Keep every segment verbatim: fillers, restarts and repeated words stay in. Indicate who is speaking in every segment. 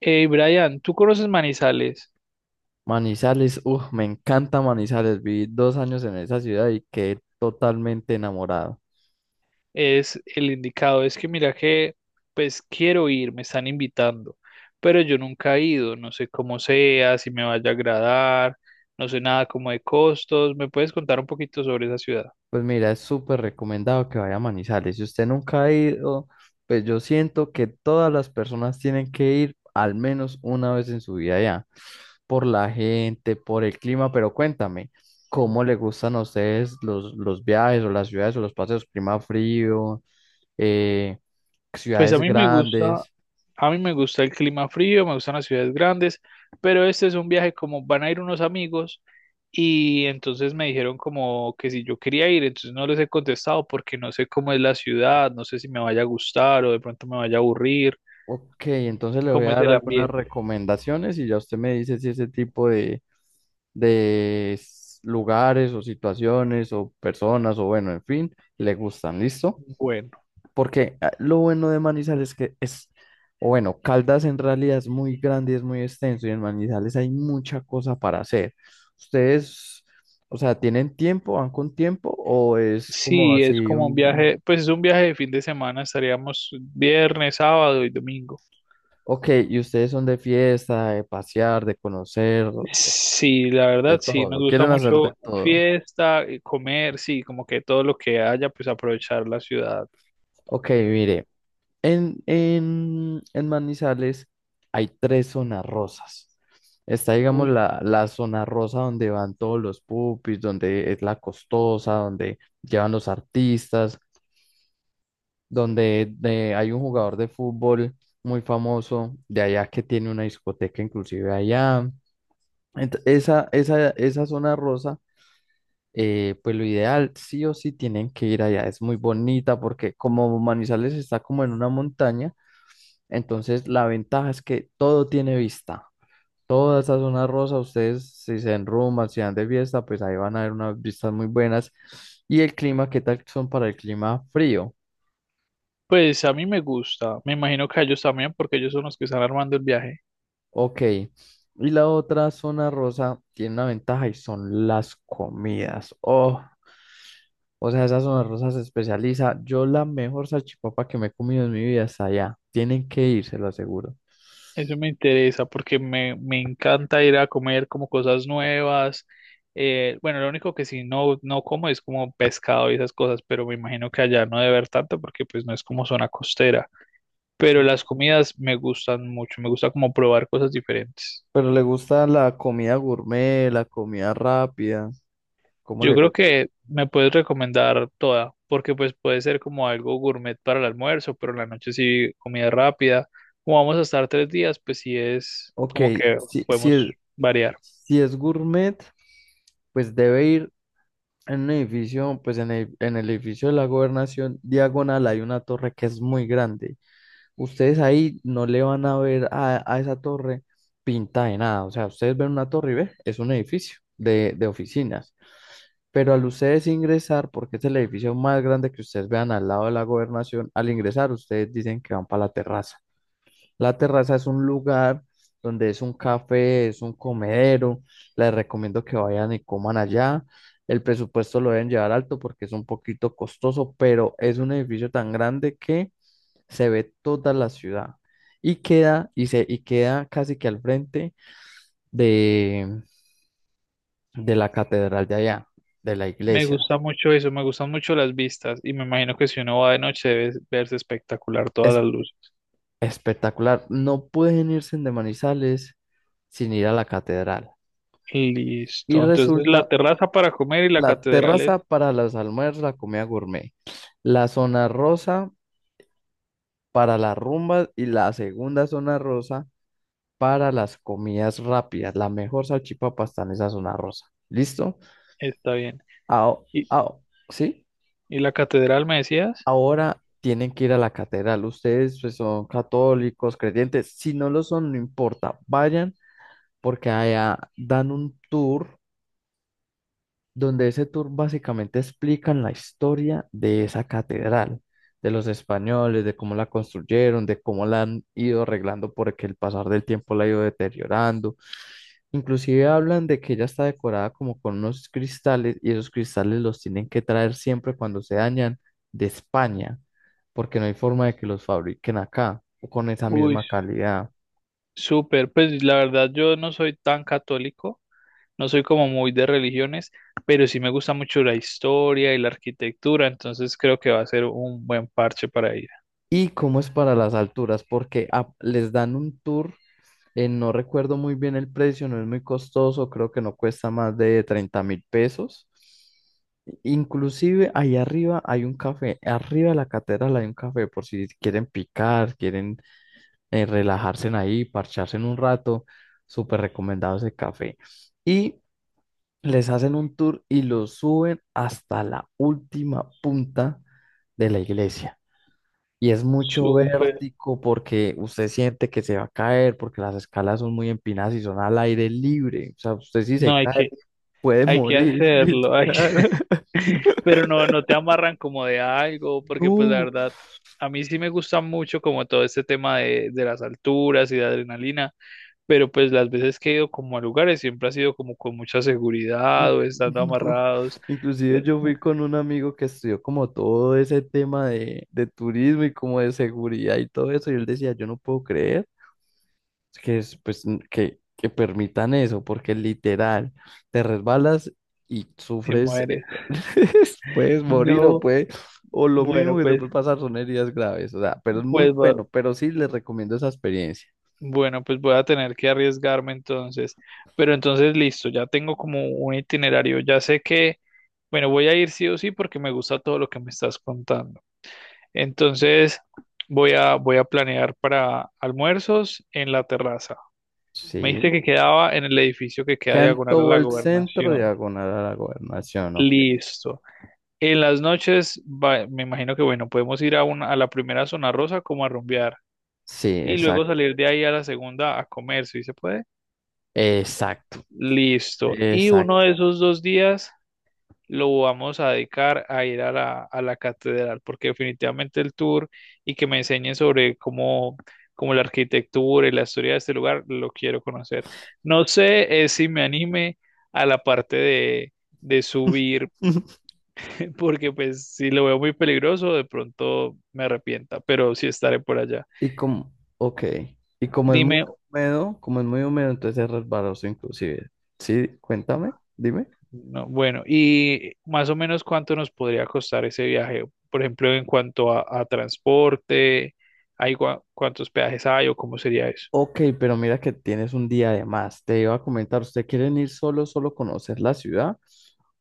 Speaker 1: Eh, Brian, ¿tú conoces Manizales?
Speaker 2: Manizales, uff, me encanta Manizales. Viví dos años en esa ciudad y quedé totalmente enamorado.
Speaker 1: Es el indicado. Es que mira que, pues quiero ir, me están invitando, pero yo nunca he ido, no sé cómo sea, si me vaya a agradar, no sé nada como de costos. ¿Me puedes contar un poquito sobre esa ciudad?
Speaker 2: Pues mira, es súper recomendado que vaya a Manizales. Si usted nunca ha ido, pues yo siento que todas las personas tienen que ir al menos una vez en su vida ya, por la gente, por el clima, pero cuéntame, ¿cómo le gustan a ustedes los, los viajes o las ciudades o los paseos? Clima frío, eh,
Speaker 1: Pues a
Speaker 2: ciudades
Speaker 1: mí me gusta,
Speaker 2: grandes.
Speaker 1: A mí me gusta el clima frío, me gustan las ciudades grandes, pero este es un viaje como van a ir unos amigos y entonces me dijeron como que si yo quería ir, entonces no les he contestado porque no sé cómo es la ciudad, no sé si me vaya a gustar o de pronto me vaya a aburrir,
Speaker 2: Ok, entonces le voy
Speaker 1: cómo
Speaker 2: a
Speaker 1: es
Speaker 2: dar
Speaker 1: el
Speaker 2: algunas
Speaker 1: ambiente.
Speaker 2: recomendaciones y ya usted me dice si ese tipo de, de s- lugares o situaciones o personas o bueno, en fin, le gustan, ¿listo?
Speaker 1: Bueno,
Speaker 2: Porque ah, lo bueno de Manizales es que es, o bueno, Caldas en realidad es muy grande y es muy extenso y en Manizales hay mucha cosa para hacer. ¿Ustedes, o sea, tienen tiempo, van con tiempo o es como
Speaker 1: sí, es
Speaker 2: así
Speaker 1: como un
Speaker 2: un...
Speaker 1: viaje, pues es un viaje de fin de semana, estaríamos viernes, sábado y domingo.
Speaker 2: Ok, ¿y ustedes son de fiesta, de pasear, de conocer?
Speaker 1: Sí, la
Speaker 2: De
Speaker 1: verdad, sí, nos
Speaker 2: todo,
Speaker 1: gusta
Speaker 2: quieren hacer de
Speaker 1: mucho
Speaker 2: todo.
Speaker 1: fiesta, eh, comer, sí, como que todo lo que haya, pues aprovechar la ciudad.
Speaker 2: Ok, mire, en, en, en Manizales hay tres zonas rosas. Está, digamos,
Speaker 1: Uy.
Speaker 2: la, la zona rosa donde van todos los pupis, donde es la costosa, donde llevan los artistas, donde de- hay un jugador de fútbol muy famoso de allá que tiene una discoteca inclusive allá. Ent- esa, esa, esa zona rosa eh, pues lo ideal, sí o sí tienen que ir allá. Es muy bonita porque como Manizales está como en una montaña, entonces la ventaja es que todo tiene vista. Toda esa zona rosa, ustedes si se enruman, si dan de fiesta, pues ahí van a ver unas vistas muy buenas. Y el clima, ¿qué tal son para el clima frío?
Speaker 1: Pues a mí me gusta, me imagino que a ellos también, porque ellos son los que están armando el viaje.
Speaker 2: Ok. Y la otra zona rosa tiene una ventaja y son las comidas. Oh, o sea, esa zona rosa se especializa. Yo la mejor salchipapa que me he comido en mi vida está allá. Tienen que ir, se lo aseguro.
Speaker 1: Eso me interesa, porque me, me encanta ir a comer como cosas nuevas. Eh, bueno, lo único que sí no, no como es como pescado y esas cosas, pero me imagino que allá no debe haber tanto, porque pues no es como zona costera. Pero las comidas me gustan mucho, me gusta como probar cosas diferentes.
Speaker 2: Pero le gusta la comida gourmet, la comida rápida. ¿Cómo
Speaker 1: Yo
Speaker 2: le
Speaker 1: creo
Speaker 2: gusta?
Speaker 1: que me puedes recomendar toda, porque pues puede ser como algo gourmet para el almuerzo, pero en la noche sí comida rápida. Como vamos a estar tres días, pues sí es
Speaker 2: Ok,
Speaker 1: como que
Speaker 2: si, si
Speaker 1: podemos
Speaker 2: es,
Speaker 1: variar.
Speaker 2: si es gourmet, pues debe ir en un edificio, pues en el, en el edificio de la gobernación diagonal hay una torre que es muy grande. Ustedes ahí no le van a ver a, a esa torre pinta de nada. O sea, ustedes ven una torre y ve, es un edificio de, de oficinas. Pero al ustedes ingresar, porque es el edificio más grande que ustedes vean al lado de la gobernación, al ingresar ustedes dicen que van para la terraza. La terraza es un lugar donde es un café, es un comedero. Les recomiendo que vayan y coman allá. El presupuesto lo deben llevar alto porque es un poquito costoso, pero es un edificio tan grande que se ve toda la ciudad y queda, y se, y queda casi que al frente de, de la catedral de allá, de la
Speaker 1: Me
Speaker 2: iglesia.
Speaker 1: gusta mucho eso, me gustan mucho las vistas y me imagino que si uno va de noche debe verse espectacular todas
Speaker 2: Es
Speaker 1: las luces.
Speaker 2: Espectacular. No pueden irse de Manizales sin ir a la catedral. Y
Speaker 1: Listo. Entonces la
Speaker 2: resulta
Speaker 1: terraza para comer y la
Speaker 2: la
Speaker 1: catedral es.
Speaker 2: terraza para los almuerzos, la comida gourmet, la zona rosa para las rumbas y la segunda zona rosa para las comidas rápidas. La mejor salchipapa está en esa zona rosa. ¿Listo?
Speaker 1: Está bien.
Speaker 2: Ao-
Speaker 1: ¿Y,
Speaker 2: ao- ¿sí?
Speaker 1: y la catedral me decías?
Speaker 2: Ahora tienen que ir a la catedral. Ustedes pues, son católicos, creyentes. Si no lo son, no importa. Vayan porque allá dan un tour donde ese tour básicamente explican la historia de esa catedral, de los españoles, de cómo la construyeron, de cómo la han ido arreglando porque el pasar del tiempo la ha ido deteriorando. Inclusive hablan de que ella está decorada como con unos cristales y esos cristales los tienen que traer siempre cuando se dañan de España, porque no hay forma de que los fabriquen acá o con esa
Speaker 1: Uy,
Speaker 2: misma calidad.
Speaker 1: súper, pues la verdad yo no soy tan católico, no soy como muy de religiones, pero sí me gusta mucho la historia y la arquitectura, entonces creo que va a ser un buen parche para ir.
Speaker 2: ¿Y cómo es para las alturas? Porque a- les dan un tour. Eh, no recuerdo muy bien el precio, no es muy costoso, creo que no cuesta más de treinta mil pesos. Inclusive ahí arriba hay un café, arriba de la catedral hay un café por si quieren picar, quieren eh, relajarse en ahí, parcharse en un rato, súper recomendado ese café. Y les hacen un tour y los suben hasta la última punta de la iglesia. Y es mucho
Speaker 1: Súper,
Speaker 2: vértigo porque usted siente que se va a caer, porque las escalas son muy empinadas y son al aire libre. O sea, usted si
Speaker 1: no
Speaker 2: se
Speaker 1: hay
Speaker 2: cae
Speaker 1: que,
Speaker 2: puede
Speaker 1: hay que
Speaker 2: morir,
Speaker 1: hacerlo, hay que...
Speaker 2: literal.
Speaker 1: Pero no, no te amarran como de algo, porque pues la
Speaker 2: No,
Speaker 1: verdad, a mí sí me gusta mucho como todo este tema de, de las alturas y de adrenalina, pero pues las veces que he ido como a lugares siempre ha sido como con mucha seguridad
Speaker 2: n-
Speaker 1: o estando
Speaker 2: no.
Speaker 1: amarrados.
Speaker 2: Inclusive yo fui con un amigo que estudió como todo ese tema de, de turismo y como de seguridad y todo eso, y él decía, yo no puedo creer. Que es, pues, n- que, que permitan eso, porque literal, te resbalas y
Speaker 1: Y
Speaker 2: sufres, eh,
Speaker 1: muere.
Speaker 2: puedes morir o
Speaker 1: No,
Speaker 2: puede, o lo mínimo
Speaker 1: bueno,
Speaker 2: que te
Speaker 1: pues,
Speaker 2: puede pasar son heridas graves, o sea, pero es muy
Speaker 1: pues, va-
Speaker 2: bueno, pero sí les recomiendo esa experiencia.
Speaker 1: bueno, pues voy a tener que arriesgarme entonces. Pero entonces, listo, ya tengo como un itinerario. Ya sé que, bueno, voy a ir sí o sí porque me gusta todo lo que me estás contando. Entonces, voy a, voy a planear para almuerzos en la terraza. Me
Speaker 2: Sí,
Speaker 1: dijiste que quedaba en el edificio que queda
Speaker 2: quedan
Speaker 1: diagonal a
Speaker 2: todo
Speaker 1: la
Speaker 2: el centro
Speaker 1: gobernación.
Speaker 2: diagonal a la gobernación, ok.
Speaker 1: Listo. En las noches, va- me imagino que, bueno, podemos ir a una, a la primera zona rosa como a rumbear.
Speaker 2: Sí,
Speaker 1: Y luego
Speaker 2: exacto,
Speaker 1: salir de ahí a la segunda a comer, si se puede.
Speaker 2: exacto,
Speaker 1: Listo. Y uno
Speaker 2: exacto.
Speaker 1: de esos dos días lo vamos a dedicar a ir a la, a la catedral, porque definitivamente el tour y que me enseñen sobre cómo, cómo la arquitectura y la historia de este lugar lo quiero conocer. No sé eh, si me anime a la parte de, de subir, porque pues si lo veo muy peligroso, de pronto me arrepienta, pero sí estaré por allá.
Speaker 2: Y como, ok, y como es muy
Speaker 1: Dime.
Speaker 2: húmedo, como es muy húmedo, entonces es resbaloso inclusive. Sí, cuéntame, dime.
Speaker 1: No, bueno, y más o menos cuánto nos podría costar ese viaje, por ejemplo, en cuanto a, a transporte, hay gua- cuántos peajes hay o cómo sería eso.
Speaker 2: Ok, pero mira que tienes un día de más. Te iba a comentar, ¿usted quieren ir solo, solo conocer la ciudad?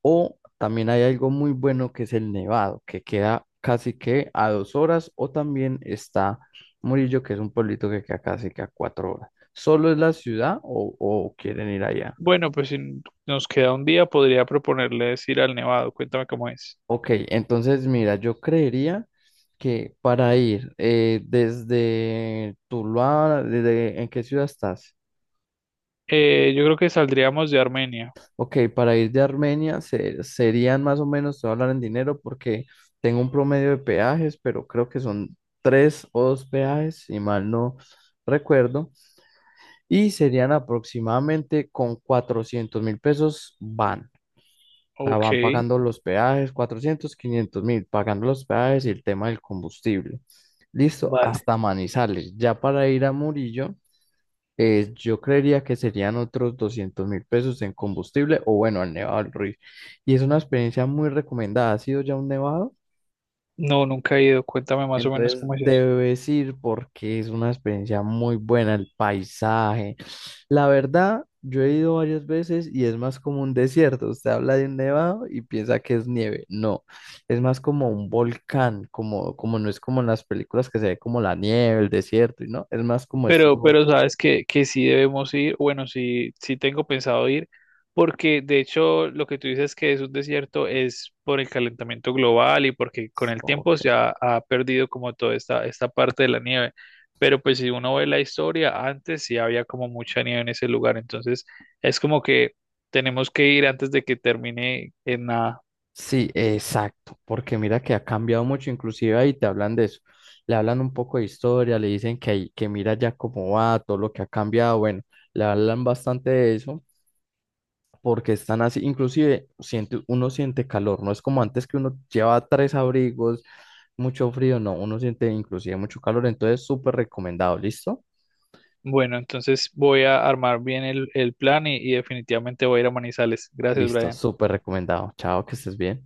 Speaker 2: O también hay algo muy bueno que es el Nevado, que queda casi que a dos horas, o también está Murillo, que es un pueblito que queda casi que a cuatro horas. ¿Solo es la ciudad o, o quieren ir allá?
Speaker 1: Bueno, pues si n- nos queda un día, podría proponerles ir al Nevado, cuéntame cómo es.
Speaker 2: Ok, entonces mira, yo creería que para ir eh, desde Tuluá, desde, ¿en qué ciudad estás?
Speaker 1: Eh, yo creo que saldríamos de Armenia.
Speaker 2: Ok, para ir de Armenia se- serían más o menos, te voy a hablar en dinero porque tengo un promedio de peajes, pero creo que son tres o dos peajes, si mal no recuerdo, y serían aproximadamente con cuatrocientos mil pesos van. Sea,
Speaker 1: Ok,
Speaker 2: van pagando los peajes, cuatrocientos quinientos mil, pagando los peajes y el tema del combustible. Listo,
Speaker 1: vale.
Speaker 2: hasta Manizales. Ya para ir a Murillo, eh, yo creería que serían otros doscientos mil pesos en combustible o bueno, al Nevado del Ruiz. Y es una experiencia muy recomendada. ¿Ha sido ya un nevado?
Speaker 1: No, nunca he ido, cuéntame más o menos
Speaker 2: Entonces
Speaker 1: cómo es.
Speaker 2: debes ir porque es una experiencia muy buena, el paisaje. La verdad, yo he ido varias veces y es más como un desierto. Usted habla de un nevado y piensa que es nieve. No, es más como un volcán, como, como no es como en las películas que se ve como la nieve, el desierto, y no, es más como estilo
Speaker 1: Pero, pero
Speaker 2: volcán.
Speaker 1: sabes que, que sí debemos ir, bueno, sí, sí tengo pensado ir, porque de hecho lo que tú dices que es un desierto es por el calentamiento global y porque con el tiempo
Speaker 2: Ok.
Speaker 1: se ha, ha perdido como toda esta, esta parte de la nieve. Pero pues si uno ve la historia, antes sí había como mucha nieve en ese lugar, entonces es como que tenemos que ir antes de que termine en nada.
Speaker 2: Sí, exacto, porque mira que ha cambiado mucho, inclusive ahí te hablan de eso, le hablan un poco de historia, le dicen que, ahí- que mira ya cómo va, todo lo que ha cambiado, bueno, le hablan bastante de eso, porque están así, inclusive siente, uno siente calor, no es como antes que uno lleva tres abrigos, mucho frío, no, uno siente inclusive mucho calor, entonces súper recomendado, ¿listo?
Speaker 1: Bueno, entonces voy a armar bien el, el plan y, y definitivamente voy a ir a Manizales. Gracias,
Speaker 2: Listo,
Speaker 1: Brian.
Speaker 2: súper recomendado, chao, que estés bien.